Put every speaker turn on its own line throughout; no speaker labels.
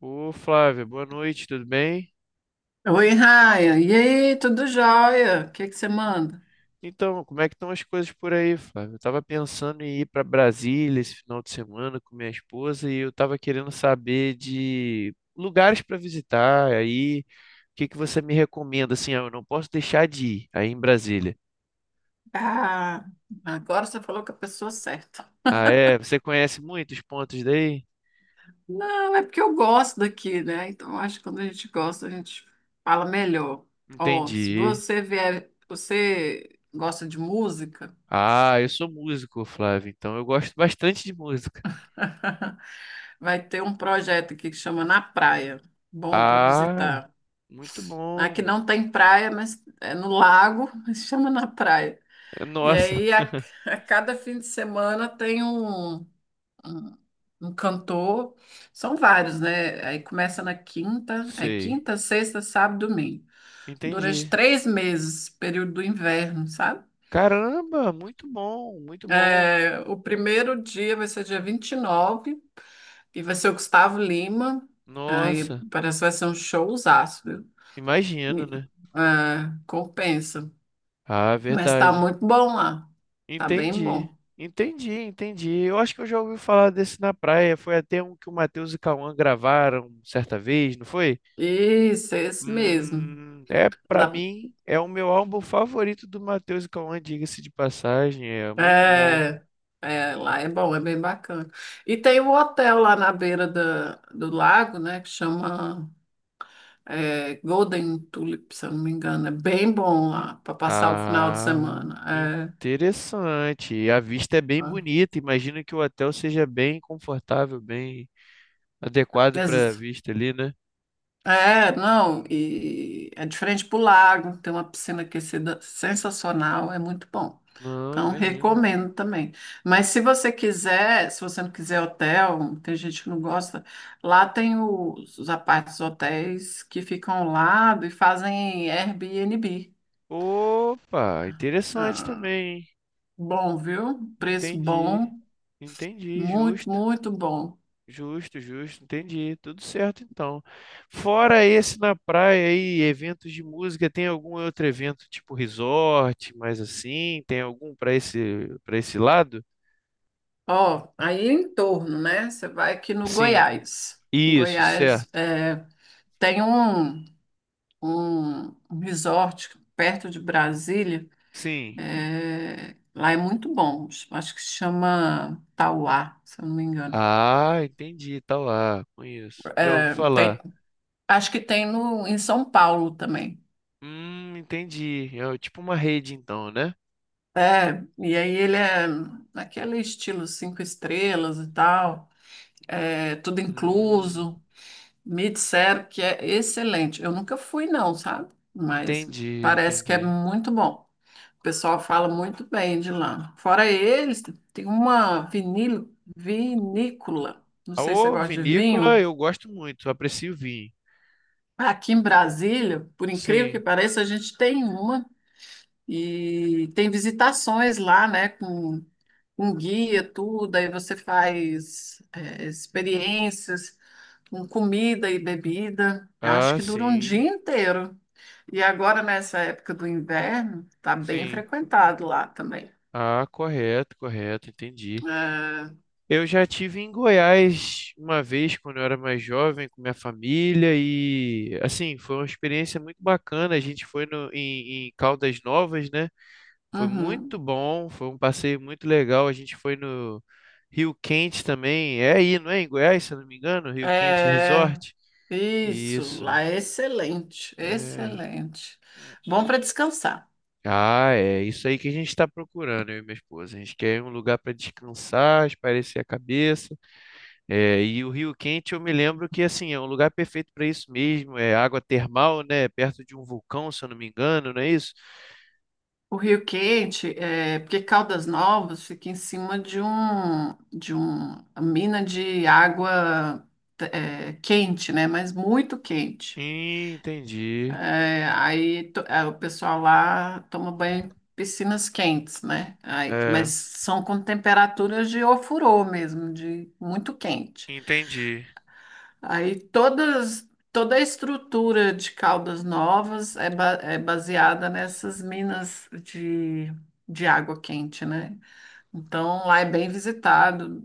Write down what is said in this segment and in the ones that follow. Ô Flávia, boa noite, tudo bem?
Oi, Raia. E aí, tudo jóia? O que é que você manda?
Então, como é que estão as coisas por aí, Flávia? Eu estava pensando em ir para Brasília esse final de semana com minha esposa e eu estava querendo saber de lugares para visitar. Aí, o que que você me recomenda? Assim, eu não posso deixar de ir aí em Brasília.
Ah, agora você falou com a pessoa certa.
Ah, é? Você conhece muitos pontos daí?
Não, é porque eu gosto daqui, né? Então, eu acho que quando a gente gosta, a gente fala melhor. Ó, se
Entendi.
você vier, você gosta de música,
Ah, eu sou músico, Flávio. Então eu gosto bastante de música.
vai ter um projeto aqui que chama Na Praia. Bom para
Ah,
visitar.
muito
Aqui
bom.
não tem praia, mas é no lago, mas chama Na Praia.
É,
E
nossa,
aí, a cada fim de semana tem um um cantor, são vários, né? Aí começa na quinta, é
sei.
quinta, sexta, sábado, domingo. Durante
Entendi.
três meses, período do inverno, sabe?
Caramba, muito bom, muito bom.
É, o primeiro dia vai ser dia 29, e nove, e vai ser o Gustavo Lima. Aí
Nossa,
parece que vai ser um showzaço, viu?
imagino,
Me-
né?
é, compensa.
Ah,
Mas tá
verdade.
muito bom lá. Tá bem
Entendi,
bom.
entendi, entendi. Eu acho que eu já ouvi falar desse na praia. Foi até um que o Matheus e Cauã gravaram certa vez, não foi?
Isso, é esse mesmo.
É, pra
Dá
mim, é o meu álbum favorito do Matheus e Cauã, diga-se de passagem. É muito bom.
é, é, lá é bom, é bem bacana. E tem um hotel lá na beira do lago, né, que chama é, Golden Tulip, se eu não me engano. É bem bom lá para passar o final de
Ah,
semana.
interessante. A vista é bem
É, é.
bonita. Imagino que o hotel seja bem confortável, bem adequado para vista ali, né?
É, não, e é diferente pro lago, tem uma piscina aquecida sensacional, é muito bom.
Não,
Então,
imagino.
recomendo também. Mas se você não quiser hotel, tem gente que não gosta, lá tem os apartes hotéis que ficam ao lado e fazem Airbnb.
Opa, interessante
Ah,
também, hein?
bom, viu? Preço
Entendi.
bom,
Entendi,
muito,
justo.
muito bom.
Justo, justo, entendi. Tudo certo então. Fora esse na praia aí, eventos de música, tem algum outro evento tipo resort, mais assim? Tem algum para esse lado?
Ó, aí é em torno, né? Você vai aqui no
Sim.
Goiás.
Isso,
Goiás
certo.
é, tem um resort perto de Brasília.
Sim.
É, lá é muito bom. Acho que se chama Tauá, se eu não me engano.
Ah, entendi, tá lá, conheço. Já ouvi
É, tem-
falar.
acho que tem no, em São Paulo também.
Entendi. É tipo uma rede, então, né?
É, e aí ele é naquele estilo cinco estrelas e tal, é, tudo
Hum,
incluso. Me disseram que é excelente. Eu nunca fui, não, sabe? Mas
entendi,
parece que é
entendi.
muito bom. O pessoal fala muito bem de lá. Fora eles, tem uma vinícola. Não
A
sei se você
ô,
gosta de
vinícola
vinho.
eu gosto muito, aprecio vinho.
Aqui em Brasília, por incrível que
Sim.
pareça, a gente tem uma e tem visitações lá, né? Com guia, tudo. Aí você faz é, experiências com comida e bebida. Eu acho
Ah,
que dura um dia
sim,
inteiro. E agora, nessa época do inverno, tá bem
sim.
frequentado lá também.
Ah, correto, correto, entendi. Eu já tive em Goiás uma vez quando eu era mais jovem com minha família e assim, foi uma experiência muito bacana. A gente foi no, em, em Caldas Novas, né? Foi muito
Uhum.
bom, foi um passeio muito legal. A gente foi no Rio Quente também. É aí, não é? Em Goiás, se eu não me engano, Rio Quente
É,
Resort.
isso,
Isso.
lá é excelente,
É.
excelente. Bom para descansar.
Ah, é isso aí que a gente está procurando, eu e minha esposa. A gente quer um lugar para descansar, espairecer a cabeça. É, e o Rio Quente, eu me lembro que assim é um lugar perfeito para isso mesmo. É água termal, né? Perto de um vulcão, se eu não me engano, não é isso?
O Rio Quente, é, porque Caldas Novas fica em cima uma mina de água é, quente, né? Mas muito quente.
Entendi.
É, é, o pessoal lá toma banho em piscinas quentes, né? Aí, mas
É,
são com temperaturas de ofurô mesmo, de muito quente.
entendi.
Toda a estrutura de Caldas Novas é, é baseada nessas minas de água quente, né? Então lá é bem visitado,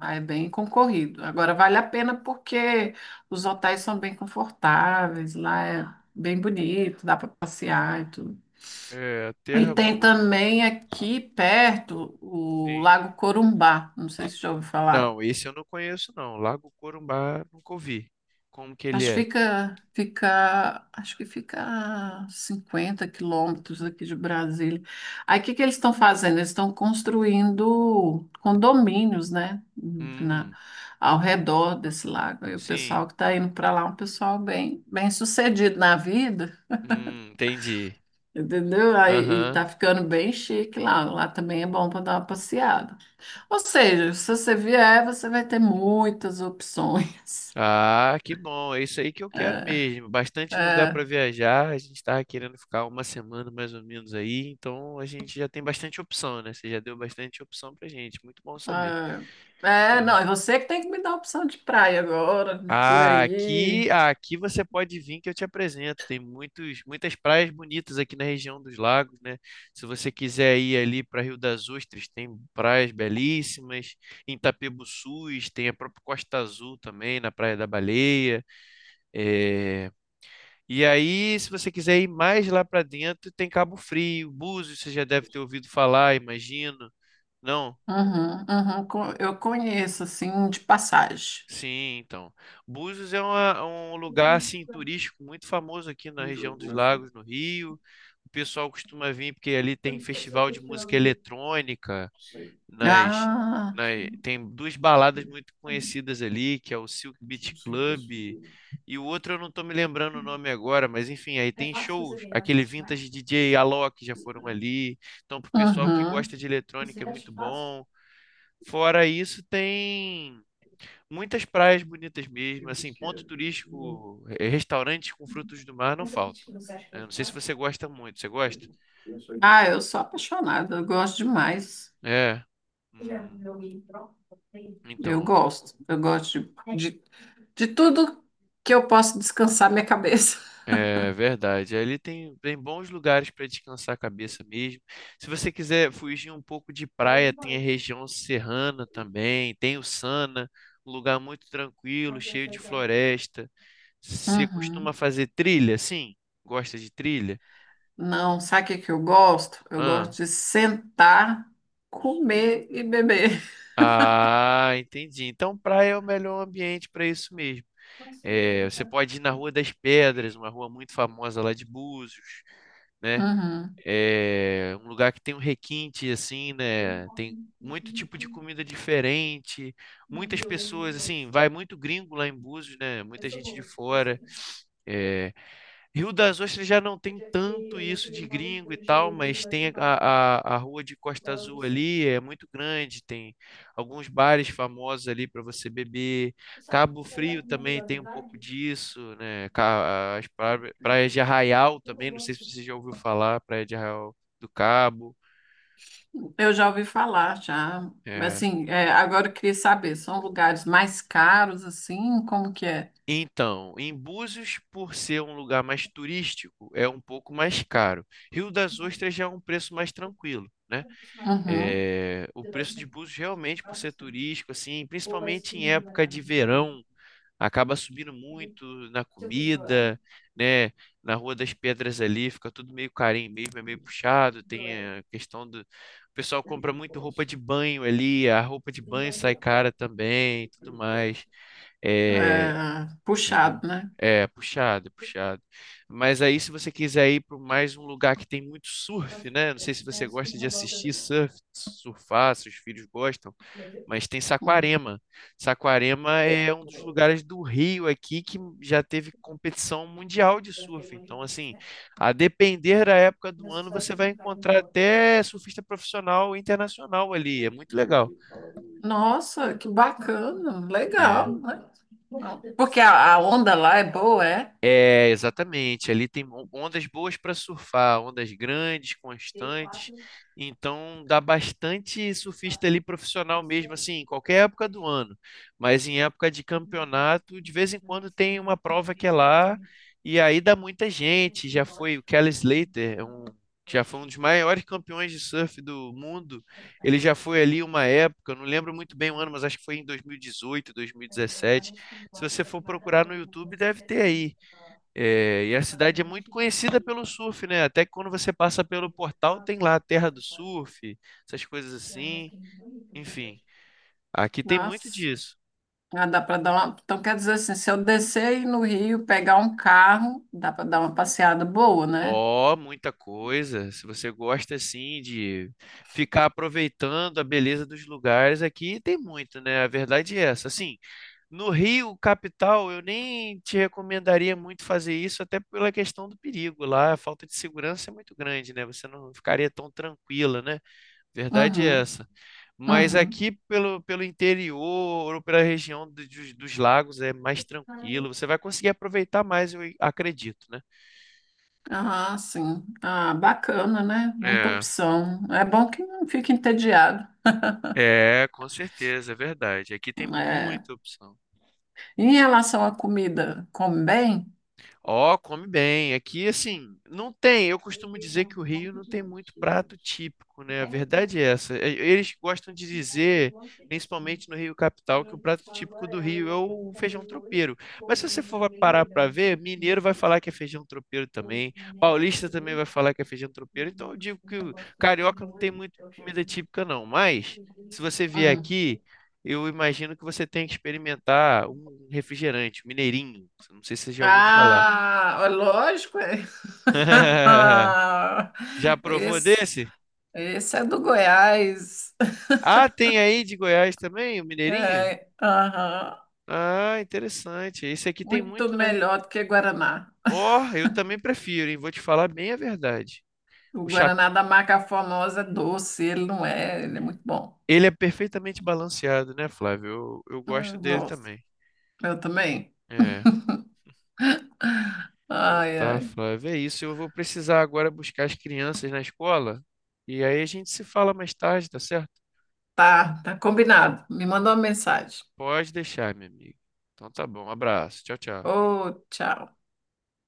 lá é bem concorrido. Agora vale a pena porque os hotéis são bem confortáveis, lá é bem bonito, dá para passear e tudo.
É,
E
terra
tem
boa.
também aqui perto o
Sim.
Lago Corumbá, não sei se já ouviu falar.
Não, esse eu não conheço, não. Lago Corumbá, nunca ouvi. Como que ele
Acho que
é?
acho que fica a 50 quilômetros aqui de Brasília. Aí o que que eles estão fazendo? Eles estão construindo condomínios, né, na,
Hum,
ao redor desse lago. Aí o
sim.
pessoal que está indo para lá é um pessoal bem sucedido na vida,
Entendi.
entendeu? Aí e
Aham.
tá ficando bem chique lá. Lá também é bom para dar uma passeada. Ou seja, se você vier, você vai ter muitas opções.
Ah, que bom. É isso aí que eu quero mesmo. Bastante lugar para viajar. A gente estava querendo ficar uma semana mais ou menos aí, então a gente já tem bastante opção, né? Você já deu bastante opção pra gente. Muito bom saber.
Ah, é,
É.
não, é você que tem que me dar a opção de praia agora, por aí.
Ah, aqui você pode vir que eu te apresento. Tem muitas praias bonitas aqui na região dos lagos, né? Se você quiser ir ali para Rio das Ostras, tem praias belíssimas. Em Itapebuçus tem a própria Costa Azul também, na Praia da Baleia. É, e aí, se você quiser ir mais lá para dentro, tem Cabo Frio, Búzios, você já deve ter ouvido falar, imagino. Não?
Uhum, uhum, eu conheço, assim, de passagem.
Sim, então. Búzios é um lugar assim turístico muito famoso aqui na região dos Lagos, no Rio. O pessoal costuma vir porque ali tem festival de música eletrônica, nas,
Ah,
tem duas baladas muito conhecidas ali, que é o Silk Beat Club e o outro eu não estou me lembrando o nome agora, mas enfim, aí tem shows, aquele vintage DJ Alok já foram ali. Então, pro pessoal que
uhum.
gosta de eletrônica é muito bom. Fora isso, tem muitas praias bonitas mesmo, assim, ponto turístico, restaurantes com frutos do mar não faltam, né? Não sei se você gosta muito, você gosta?
Ah, eu sou apaixonada, eu gosto demais.
É. Hum, então,
Eu gosto de, de tudo que eu posso descansar minha cabeça.
é verdade. Ali tem bons lugares para descansar a cabeça mesmo. Se você quiser fugir um pouco de praia, tem a região serrana também, tem o Sana, um lugar muito tranquilo, cheio de floresta. Você costuma
Uhum.
fazer trilha, sim? Gosta de trilha?
Não, sabe o que que eu gosto? Eu gosto de sentar, comer e beber.
Ah, entendi. Então, praia é o melhor ambiente para isso mesmo. É, você pode ir na Rua das Pedras, uma rua muito famosa lá de Búzios, né?
Uhum.
É um lugar que tem um requinte, assim, né? Tem muito tipo de comida diferente, muitas pessoas, assim, vai muito gringo lá em Búzios, né? Muita gente de fora. É, Rio das Ostras já não tem tanto isso de gringo e tal, mas tem a rua de Costa Azul ali, é muito grande, tem alguns bares famosos ali para você beber. Cabo Frio também tem um pouco disso, né? Praias de Arraial também, não sei se você já ouviu falar, Praia de Arraial do Cabo.
Eu já ouvi falar, já. Mas
É.
assim, é, agora eu queria saber, são lugares mais caros, assim, como que é?
Então, em Búzios, por ser um lugar mais turístico, é um pouco mais caro. Rio das Ostras já é um preço mais tranquilo, né?
Uhum.
É, o preço de Búzios realmente, por ser turístico, assim, principalmente em época de verão, acaba subindo muito na comida, né? Na Rua das Pedras ali, fica tudo meio carinho mesmo, é meio puxado. Tem a questão do. O pessoal compra muito roupa de banho ali, a roupa de banho sai cara também, e tudo mais. É,
É, puxado,
entendeu?
né?
É, puxado, é puxado. Mas aí, se você quiser ir para mais um lugar que tem muito surf, né? Não sei se você gosta de assistir surf, surfar, seus filhos gostam, mas tem
Hum.
Saquarema. Saquarema é um dos lugares do Rio aqui que já teve competição mundial de surf. Então, assim, a depender da época do ano, você vai encontrar até surfista profissional internacional ali. É muito legal.
Nossa, que bacana,
É.
legal, né? Porque a onda lá é boa, é?
É, exatamente. Ali tem ondas boas para surfar, ondas grandes, constantes. Então dá bastante surfista ali profissional mesmo, assim, em qualquer época do ano. Mas em época de campeonato, de vez em quando tem uma prova que é lá, e aí dá muita gente. Já foi o Kelly Slater, já foi um dos maiores campeões de surf do mundo. Ele já foi ali uma época, eu não lembro muito bem o ano, mas acho que foi em 2018, 2017. Se você for procurar no YouTube, deve ter aí. É, e a cidade é muito conhecida pelo surf, né? Até que quando você passa pelo portal, tem lá a terra do surf, essas coisas assim. Enfim, aqui tem muito
Nossa,
disso.
ah, dá para dar uma. Então, quer dizer assim, se eu descer aí no Rio, pegar um carro, dá para dar uma passeada boa, né?
Ó, muita coisa. Se você gosta assim de ficar aproveitando a beleza dos lugares, aqui tem muito, né? A verdade é essa. Assim, no Rio, capital, eu nem te recomendaria muito fazer isso, até pela questão do perigo. Lá a falta de segurança é muito grande, né? Você não ficaria tão tranquila, né? Verdade é
Uhum,
essa. Mas
uhum.
aqui pelo interior ou pela região dos lagos é mais tranquilo. Você vai conseguir aproveitar mais, eu acredito, né?
Ah, sim. Ah, bacana, né? Muita
É,
opção. É bom que não fique entediado.
é, com certeza, é verdade. Aqui tem
É.
muita opção.
Em relação à comida, come bem?
Ó, come bem. Aqui, assim, não tem. Eu costumo dizer que o Rio não tem muito prato típico, né? A verdade é essa. E- eles gostam de dizer, principalmente no Rio Capital, que o prato típico do Rio é o feijão tropeiro. Mas se você for parar para ver, mineiro vai falar que é feijão tropeiro também. Paulista também vai falar que é feijão tropeiro. Então eu digo que o carioca não tem muito comida típica, não. Mas, se você vier
Hum.
aqui. Eu imagino que você tem que experimentar um refrigerante, um mineirinho. Não sei se você já ouviu falar.
Ah, é lógico. É.
Já provou
Esse,
desse?
esse é do Goiás.
Ah, tem aí de Goiás também, o Mineirinho?
É, aham.
Ah, interessante. Esse aqui tem
Muito
muito, né?
melhor do que Guaraná.
Ó, eu também prefiro, hein? Vou te falar bem a verdade.
O
O chap...
Guaraná da marca famosa é doce, ele não é, ele é muito bom.
Ele é perfeitamente balanceado, né, Flávio? Eu gosto
Eu
dele
gosto.
também.
Eu também.
É. Então
Ai,
tá,
ai.
Flávio. É isso. Eu vou precisar agora buscar as crianças na escola. E aí a gente se fala mais tarde, tá certo?
Tá, tá combinado. Me manda uma
Então
mensagem.
pode deixar, meu amigo. Então tá bom. Abraço. Tchau, tchau.
Ô, tchau.